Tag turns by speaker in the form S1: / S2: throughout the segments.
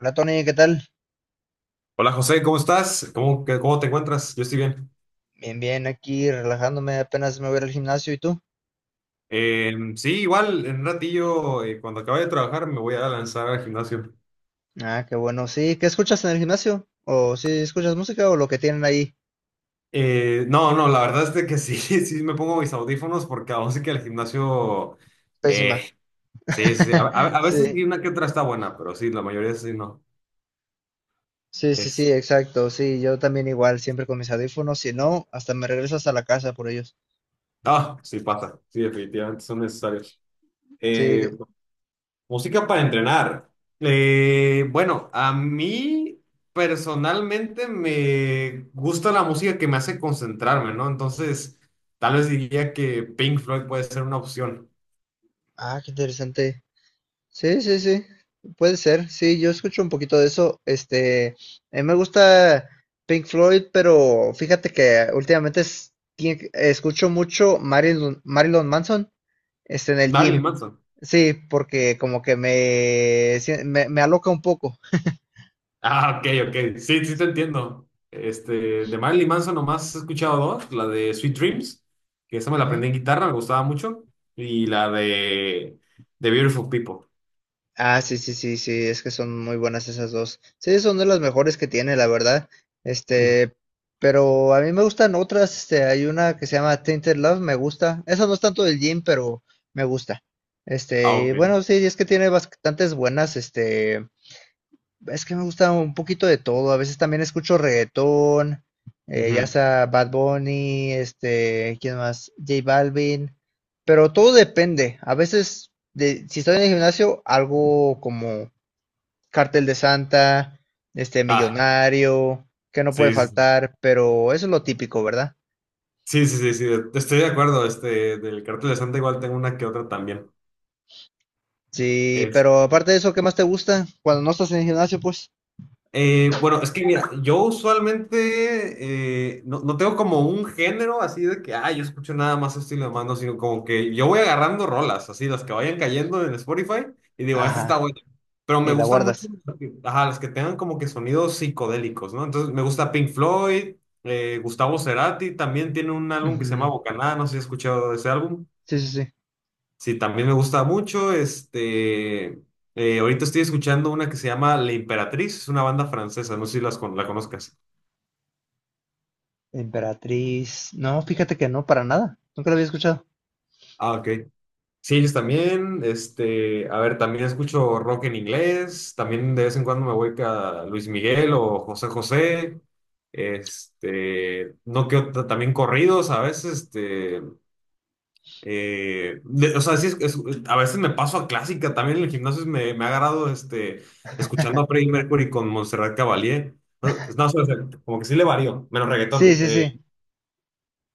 S1: Hola Tony, ¿qué tal?
S2: Hola José, ¿cómo estás? ¿Cómo, qué? ¿Cómo te encuentras? Yo estoy bien.
S1: Bien, bien, aquí relajándome, apenas me voy a ir al gimnasio, ¿y tú?
S2: Sí, igual en un ratillo, cuando acabe de trabajar, me voy a lanzar al gimnasio.
S1: Ah, qué bueno, sí, ¿qué escuchas en el gimnasio? ¿O si escuchas música o lo que tienen ahí?
S2: No, no, la verdad es de que sí, sí me pongo mis audífonos porque aún sí que el gimnasio, eh,
S1: Pésima.
S2: sí, sí, sí, a veces
S1: Sí,
S2: sí una que otra está buena, pero sí, la mayoría sí no.
S1: sí, sí,
S2: Es,
S1: sí, exacto, sí, yo también igual, siempre con mis audífonos, si no, hasta me regreso hasta la casa por ellos.
S2: ah, sí pasa, sí, definitivamente son necesarios. Eh,
S1: Sí,
S2: Música para entrenar. Bueno, a mí personalmente me gusta la música que me hace concentrarme, ¿no? Entonces, tal vez diría que Pink Floyd puede ser una opción.
S1: ah, qué interesante. Sí, sí, sí, puede ser. Sí, yo escucho un poquito de eso. A mí me gusta Pink Floyd, pero fíjate que últimamente escucho mucho Marilyn Manson, en el gym.
S2: Marilyn Manson.
S1: Sí, porque como que me aloca un poco.
S2: Ah, ok, ok. Sí, sí te entiendo. Este, de Marilyn Manson nomás he escuchado dos, la de Sweet Dreams, que esa me la aprendí en guitarra, me gustaba mucho, y la de The Beautiful People.
S1: Ah, sí, sí, sí, sí, es que son muy buenas esas dos. Sí, son de las mejores que tiene, la verdad.
S2: Ujú.
S1: Este, pero a mí me gustan otras. Hay una que se llama Tainted Love, me gusta. Esa no es tanto del gym, pero me gusta.
S2: Ah,
S1: Y
S2: ok.
S1: bueno, sí, es que tiene bastantes buenas, es que me gusta un poquito de todo. A veces también escucho reggaetón, ya
S2: Ujú.
S1: sea Bad Bunny, ¿quién más? J Balvin. Pero todo depende. A veces, si estoy en el gimnasio, algo como Cartel de Santa,
S2: Ah,
S1: Millonario, que no puede
S2: sí, sí, sí.
S1: faltar, pero eso es lo típico, ¿verdad?
S2: Sí, sí, sí, sí, estoy de acuerdo. Este, del cartel de Santa igual tengo una que otra también.
S1: Sí,
S2: Este,
S1: pero aparte de eso, ¿qué más te gusta? Cuando no estás en el gimnasio, pues,
S2: bueno, es que mira, yo usualmente no, no tengo como un género así de que, ah, yo escucho nada más este estilo de mano, sino como que yo voy agarrando rolas, así las que vayan cayendo en Spotify y digo, esta está
S1: ajá,
S2: buena. Pero me
S1: y la
S2: gusta mucho,
S1: guardas.
S2: ajá, las que tengan como que sonidos psicodélicos, ¿no? Entonces me gusta Pink Floyd, Gustavo Cerati también tiene un álbum que se llama
S1: Ujú,
S2: Bocanada, no sé si has escuchado ese álbum.
S1: sí, sí, sí.
S2: Sí, también me gusta mucho. Ahorita estoy escuchando una que se llama La Imperatriz, es una banda francesa, no sé si la conozcas.
S1: Emperatriz. No, fíjate que no, para nada. Nunca lo había escuchado.
S2: Ah, ok. Sí, ellos también. Este, a ver, también escucho rock en inglés. También de vez en cuando me voy a Luis Miguel o José José. Este, no que ot- también corridos a veces. O sea, a veces me paso a clásica. También en el gimnasio me ha agarrado este, escuchando a Freddie Mercury con Montserrat Caballé. No, no, o sea, como que sí le varío, menos
S1: Sí,
S2: reggaetón.
S1: sí, sí.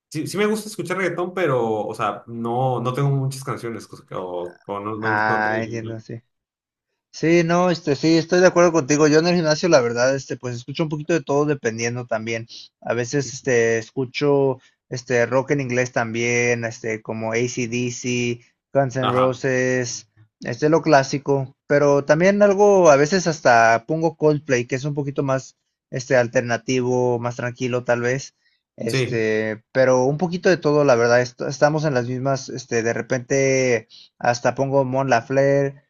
S2: Sí, sí me gusta escuchar reggaetón, pero, o sea, no, no tengo muchas canciones. Cosa que- O, o No, no, no
S1: Ah,
S2: tengo...
S1: entiendo, sí. Sí, no, sí, estoy de acuerdo contigo. Yo en el gimnasio, la verdad, pues escucho un poquito de todo dependiendo también. A veces, rock en inglés también, como AC/DC, Guns N'
S2: Ajá,
S1: Roses, lo clásico. Pero también algo, a veces hasta pongo Coldplay, que es un poquito más, alternativo, más tranquilo tal vez.
S2: sí.
S1: Pero un poquito de todo, la verdad, estamos en las mismas, de repente hasta pongo Mon Laferte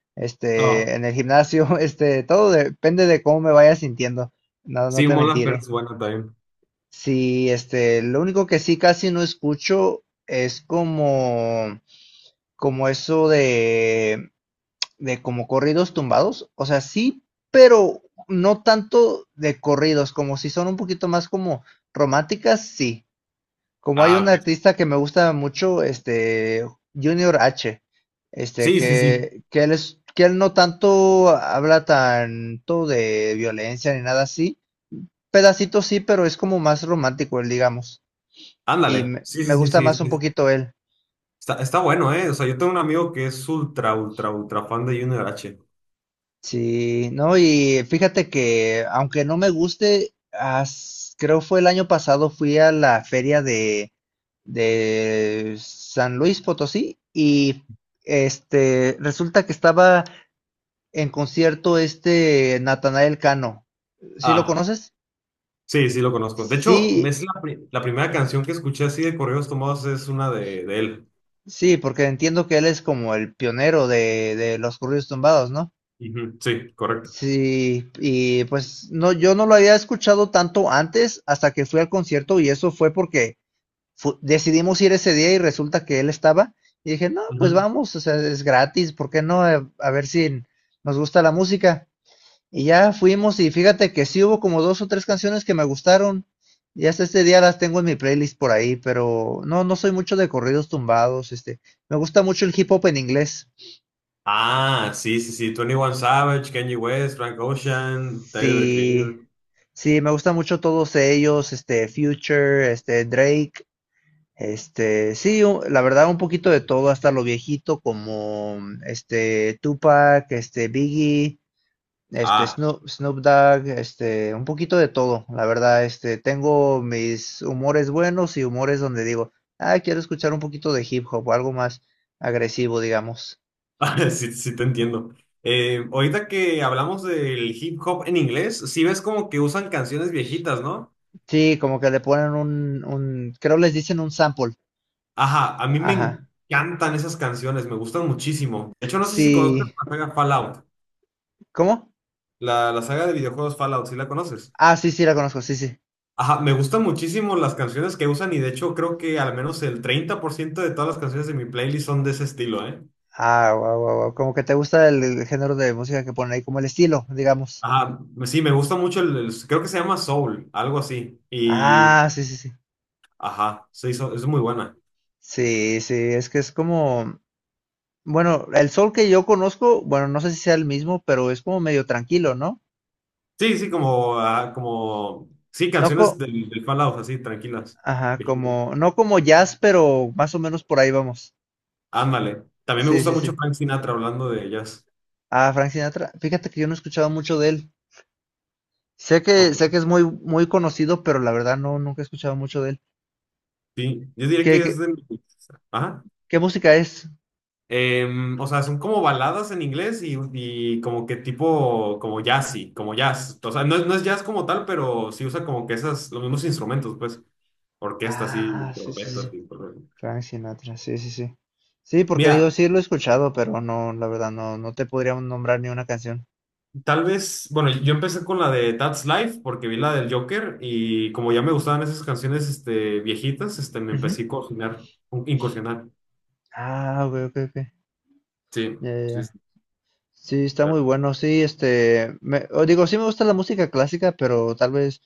S2: Oh,
S1: en el gimnasio, todo depende de cómo me vaya sintiendo. No, no
S2: sí,
S1: te
S2: Mona Ferte
S1: mentiré.
S2: es buena también.
S1: Sí, lo único que sí casi no escucho es como eso de como corridos tumbados. O sea, sí, pero no tanto de corridos, como si son un poquito más como románticas, sí. Como hay
S2: Ah,
S1: un
S2: ok.
S1: artista que me gusta mucho, Junior H,
S2: Sí, sí, sí.
S1: que él es, que él no tanto habla tanto de violencia ni nada así. Pedacitos sí, pero es como más romántico él, digamos. Y
S2: Ándale. Sí,
S1: me
S2: sí, sí,
S1: gusta
S2: sí,
S1: más un
S2: sí.
S1: poquito él.
S2: Está, está bueno, ¿eh? O sea, yo tengo un amigo que es ultra, ultra, ultra fan de Junior H.
S1: Sí, no, y fíjate que aunque no me guste, creo fue el año pasado fui a la feria de San Luis Potosí y resulta que estaba en concierto Natanael Cano. ¿Sí lo
S2: Ah.
S1: conoces?
S2: Sí, sí lo conozco. De hecho,
S1: Sí,
S2: es la primera canción que escuché así de correos tomados es una de él.
S1: sí, porque entiendo que él es como el pionero de los corridos tumbados, ¿no?
S2: Ujú, sí, correcto.
S1: Sí, y pues no, yo no lo había escuchado tanto antes hasta que fui al concierto y eso fue porque decidimos ir ese día y resulta que él estaba y dije, no, pues
S2: Ujú.
S1: vamos, o sea, es gratis, ¿por qué no? A ver si nos gusta la música. Y ya fuimos y fíjate que sí hubo como 2 o 3 canciones que me gustaron. Y hasta este día las tengo en mi playlist por ahí, pero no, no soy mucho de corridos tumbados, me gusta mucho el hip hop en inglés.
S2: Ah, sí, sí, sí. Twenty One Savage, Kanye West, Frank Ocean, Tyler, the
S1: Sí,
S2: Creator.
S1: sí, me gusta mucho todos ellos, este, Future, este, Drake, este, sí, u- la verdad un poquito de todo, hasta lo viejito como, Tupac, Biggie,
S2: Ah,
S1: Snoop Dogg, un poquito de todo, la verdad, tengo mis humores buenos y humores donde digo, ah, quiero escuchar un poquito de hip hop o algo más agresivo, digamos.
S2: sí, sí te entiendo. Ahorita que hablamos del hip hop en inglés, sí ves como que usan canciones viejitas, ¿no?
S1: Sí, como que le ponen un, creo les dicen un sample.
S2: Ajá, a mí me
S1: Ajá.
S2: encantan esas canciones, me gustan muchísimo. De hecho, no sé si conozcas
S1: Sí,
S2: la saga Fallout,
S1: ¿cómo?
S2: la saga de videojuegos Fallout, ¿sí la conoces?
S1: Ah, sí, sí, la conozco, sí, sí.
S2: Ajá, me gustan muchísimo las canciones que usan y de hecho creo que al menos el 30% de todas las canciones de mi playlist son de ese estilo, ¿eh?
S1: Ah, guau guau wow. Como que te gusta el género de música que ponen ahí, como el estilo, digamos.
S2: Ajá, sí, me gusta mucho creo que se llama Soul, algo así.
S1: Ah, sí, sí, sí.
S2: Ajá, sí, es muy buena.
S1: Sí, sí, es que bueno, el Soul que yo conozco, bueno, no sé si sea el mismo, pero es como medio tranquilo, ¿no?
S2: Sí, sí, como, ah, como, sí,
S1: No co
S2: canciones del Fallout, así, tranquilas,
S1: Ajá,
S2: viejito.
S1: como, no como jazz, pero más o menos por ahí vamos.
S2: Ándale. También me
S1: Sí,
S2: gusta
S1: sí,
S2: mucho
S1: sí.
S2: Frank Sinatra hablando de ellas.
S1: Ah, Frank Sinatra, fíjate que yo no he escuchado mucho de él.
S2: Ok,
S1: Sé que es muy, muy conocido, pero la verdad no, nunca he escuchado mucho de él.
S2: sí, yo diría
S1: ¿Qué,
S2: que es
S1: qué,
S2: de... Ajá.
S1: qué música es?
S2: O sea, son como baladas en inglés y como que tipo, como jazzy, como jazz. O sea, no es jazz como tal, pero sí usa como que esas, los mismos instrumentos, pues, orquestas y
S1: Ah, sí, sí, sí.
S2: trompetas
S1: Sí.
S2: y todo eso.
S1: Frank Sinatra, sí, sí, sí. Sí, porque digo,
S2: Mira,
S1: sí lo he escuchado, pero no, la verdad, no te podría nombrar ni una canción.
S2: tal vez, bueno, yo empecé con la de That's Life porque vi la del Joker y como ya me gustaban esas canciones, este, viejitas, este, me
S1: Ujú.
S2: empecé a cocinar, incursionar.
S1: Ah, ok, ok, ok.
S2: Sí,
S1: Ya, ya,
S2: sí,
S1: ya.
S2: sí,
S1: Sí, está muy
S2: pero...
S1: bueno. Sí, o digo, sí me gusta la música clásica, pero tal vez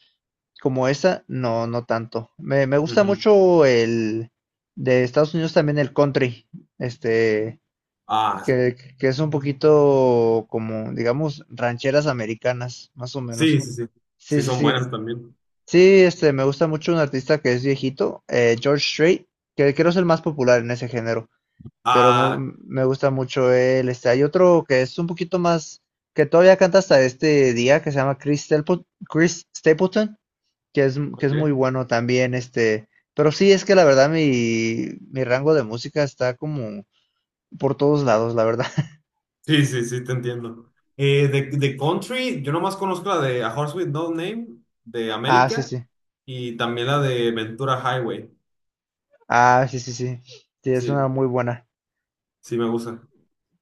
S1: como esa, no, no tanto. Me gusta
S2: ujú.
S1: mucho el de Estados Unidos también el country, este,
S2: Ah,
S1: que es un poquito como, digamos, rancheras americanas, más o
S2: sí,
S1: menos.
S2: sí, sí, sí,
S1: Sí,
S2: sí
S1: sí,
S2: son
S1: sí.
S2: buenas también.
S1: Sí, me gusta mucho un artista que es viejito, George Strait, que creo es el más popular en ese género, pero
S2: Ah,
S1: me gusta mucho él. Hay otro que es un poquito más, que todavía canta hasta este día, que se llama Chris Stapleton, que es muy
S2: ok.
S1: bueno también, pero sí, es que la verdad mi rango de música está como por todos lados, la verdad.
S2: Sí, sí, sí, te entiendo. De country, yo nomás conozco la de A Horse with No Name de
S1: Ah, sí,
S2: América
S1: sí.
S2: y también la de Ventura Highway.
S1: Ah, sí, sí, sí. Sí, es una
S2: Sí,
S1: muy buena.
S2: sí me gusta.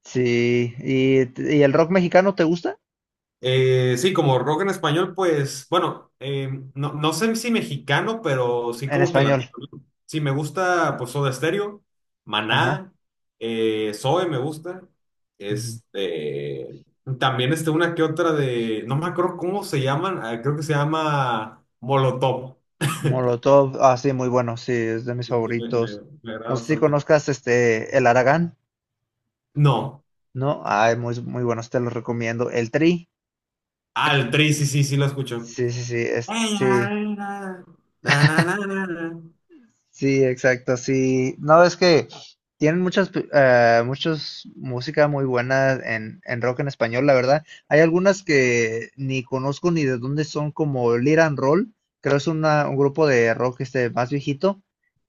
S1: Sí. Y el rock mexicano te gusta?
S2: Sí, como rock en español, pues, bueno, no, no sé si mexicano, pero sí
S1: En
S2: como que
S1: español.
S2: latino, ¿no? Sí, me gusta, pues, Soda Stereo,
S1: Ajá.
S2: Maná, Zoe me gusta. Este, también este, una que otra de, no me acuerdo cómo se llaman, ah, creo que se llama Molotov.
S1: Molotov, ah, sí, muy bueno, sí, es de mis
S2: Sí, sí,
S1: favoritos.
S2: me agrada
S1: No sé si
S2: bastante.
S1: conozcas El Aragán,
S2: No.
S1: ¿no? Ay, muy, muy buenos, te los recomiendo. El Tri,
S2: Ah, el Trey, sí, sí, sí lo escucho.
S1: sí, sí, sí,
S2: Ey,
S1: sí,
S2: ay, na, na, na, na, na, na.
S1: sí, exacto, sí. No, es que tienen muchas, música muy buena en rock en español, la verdad. Hay algunas que ni conozco ni de dónde son, como Lead and Roll, creo es un grupo de rock más viejito,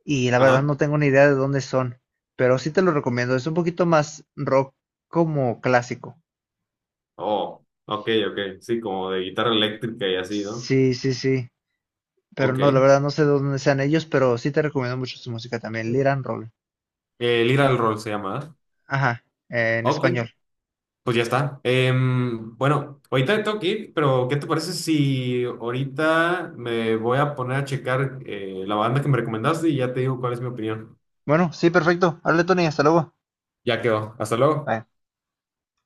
S1: y la verdad
S2: Ajá.
S1: no tengo ni idea de dónde son, pero sí te lo recomiendo, es un poquito más rock como clásico.
S2: Oh, ok, ok. Sí, como de guitarra eléctrica y así, ¿no?
S1: Sí, sí, sí, pero
S2: Ok.
S1: no, la verdad no sé de dónde sean ellos, pero sí te recomiendo mucho su música también, Lead and Roll.
S2: Lira al Roll se llama, ¿verdad?
S1: Ajá, en
S2: Ok,
S1: español.
S2: pues ya está. Bueno, ahorita tengo que ir, pero ¿qué te parece si ahorita me voy a poner a checar la banda que me recomendaste y ya te digo cuál es mi opinión?
S1: Bueno, sí, perfecto. Hable, Tony. Hasta luego.
S2: Ya quedó. Hasta luego.
S1: Bye.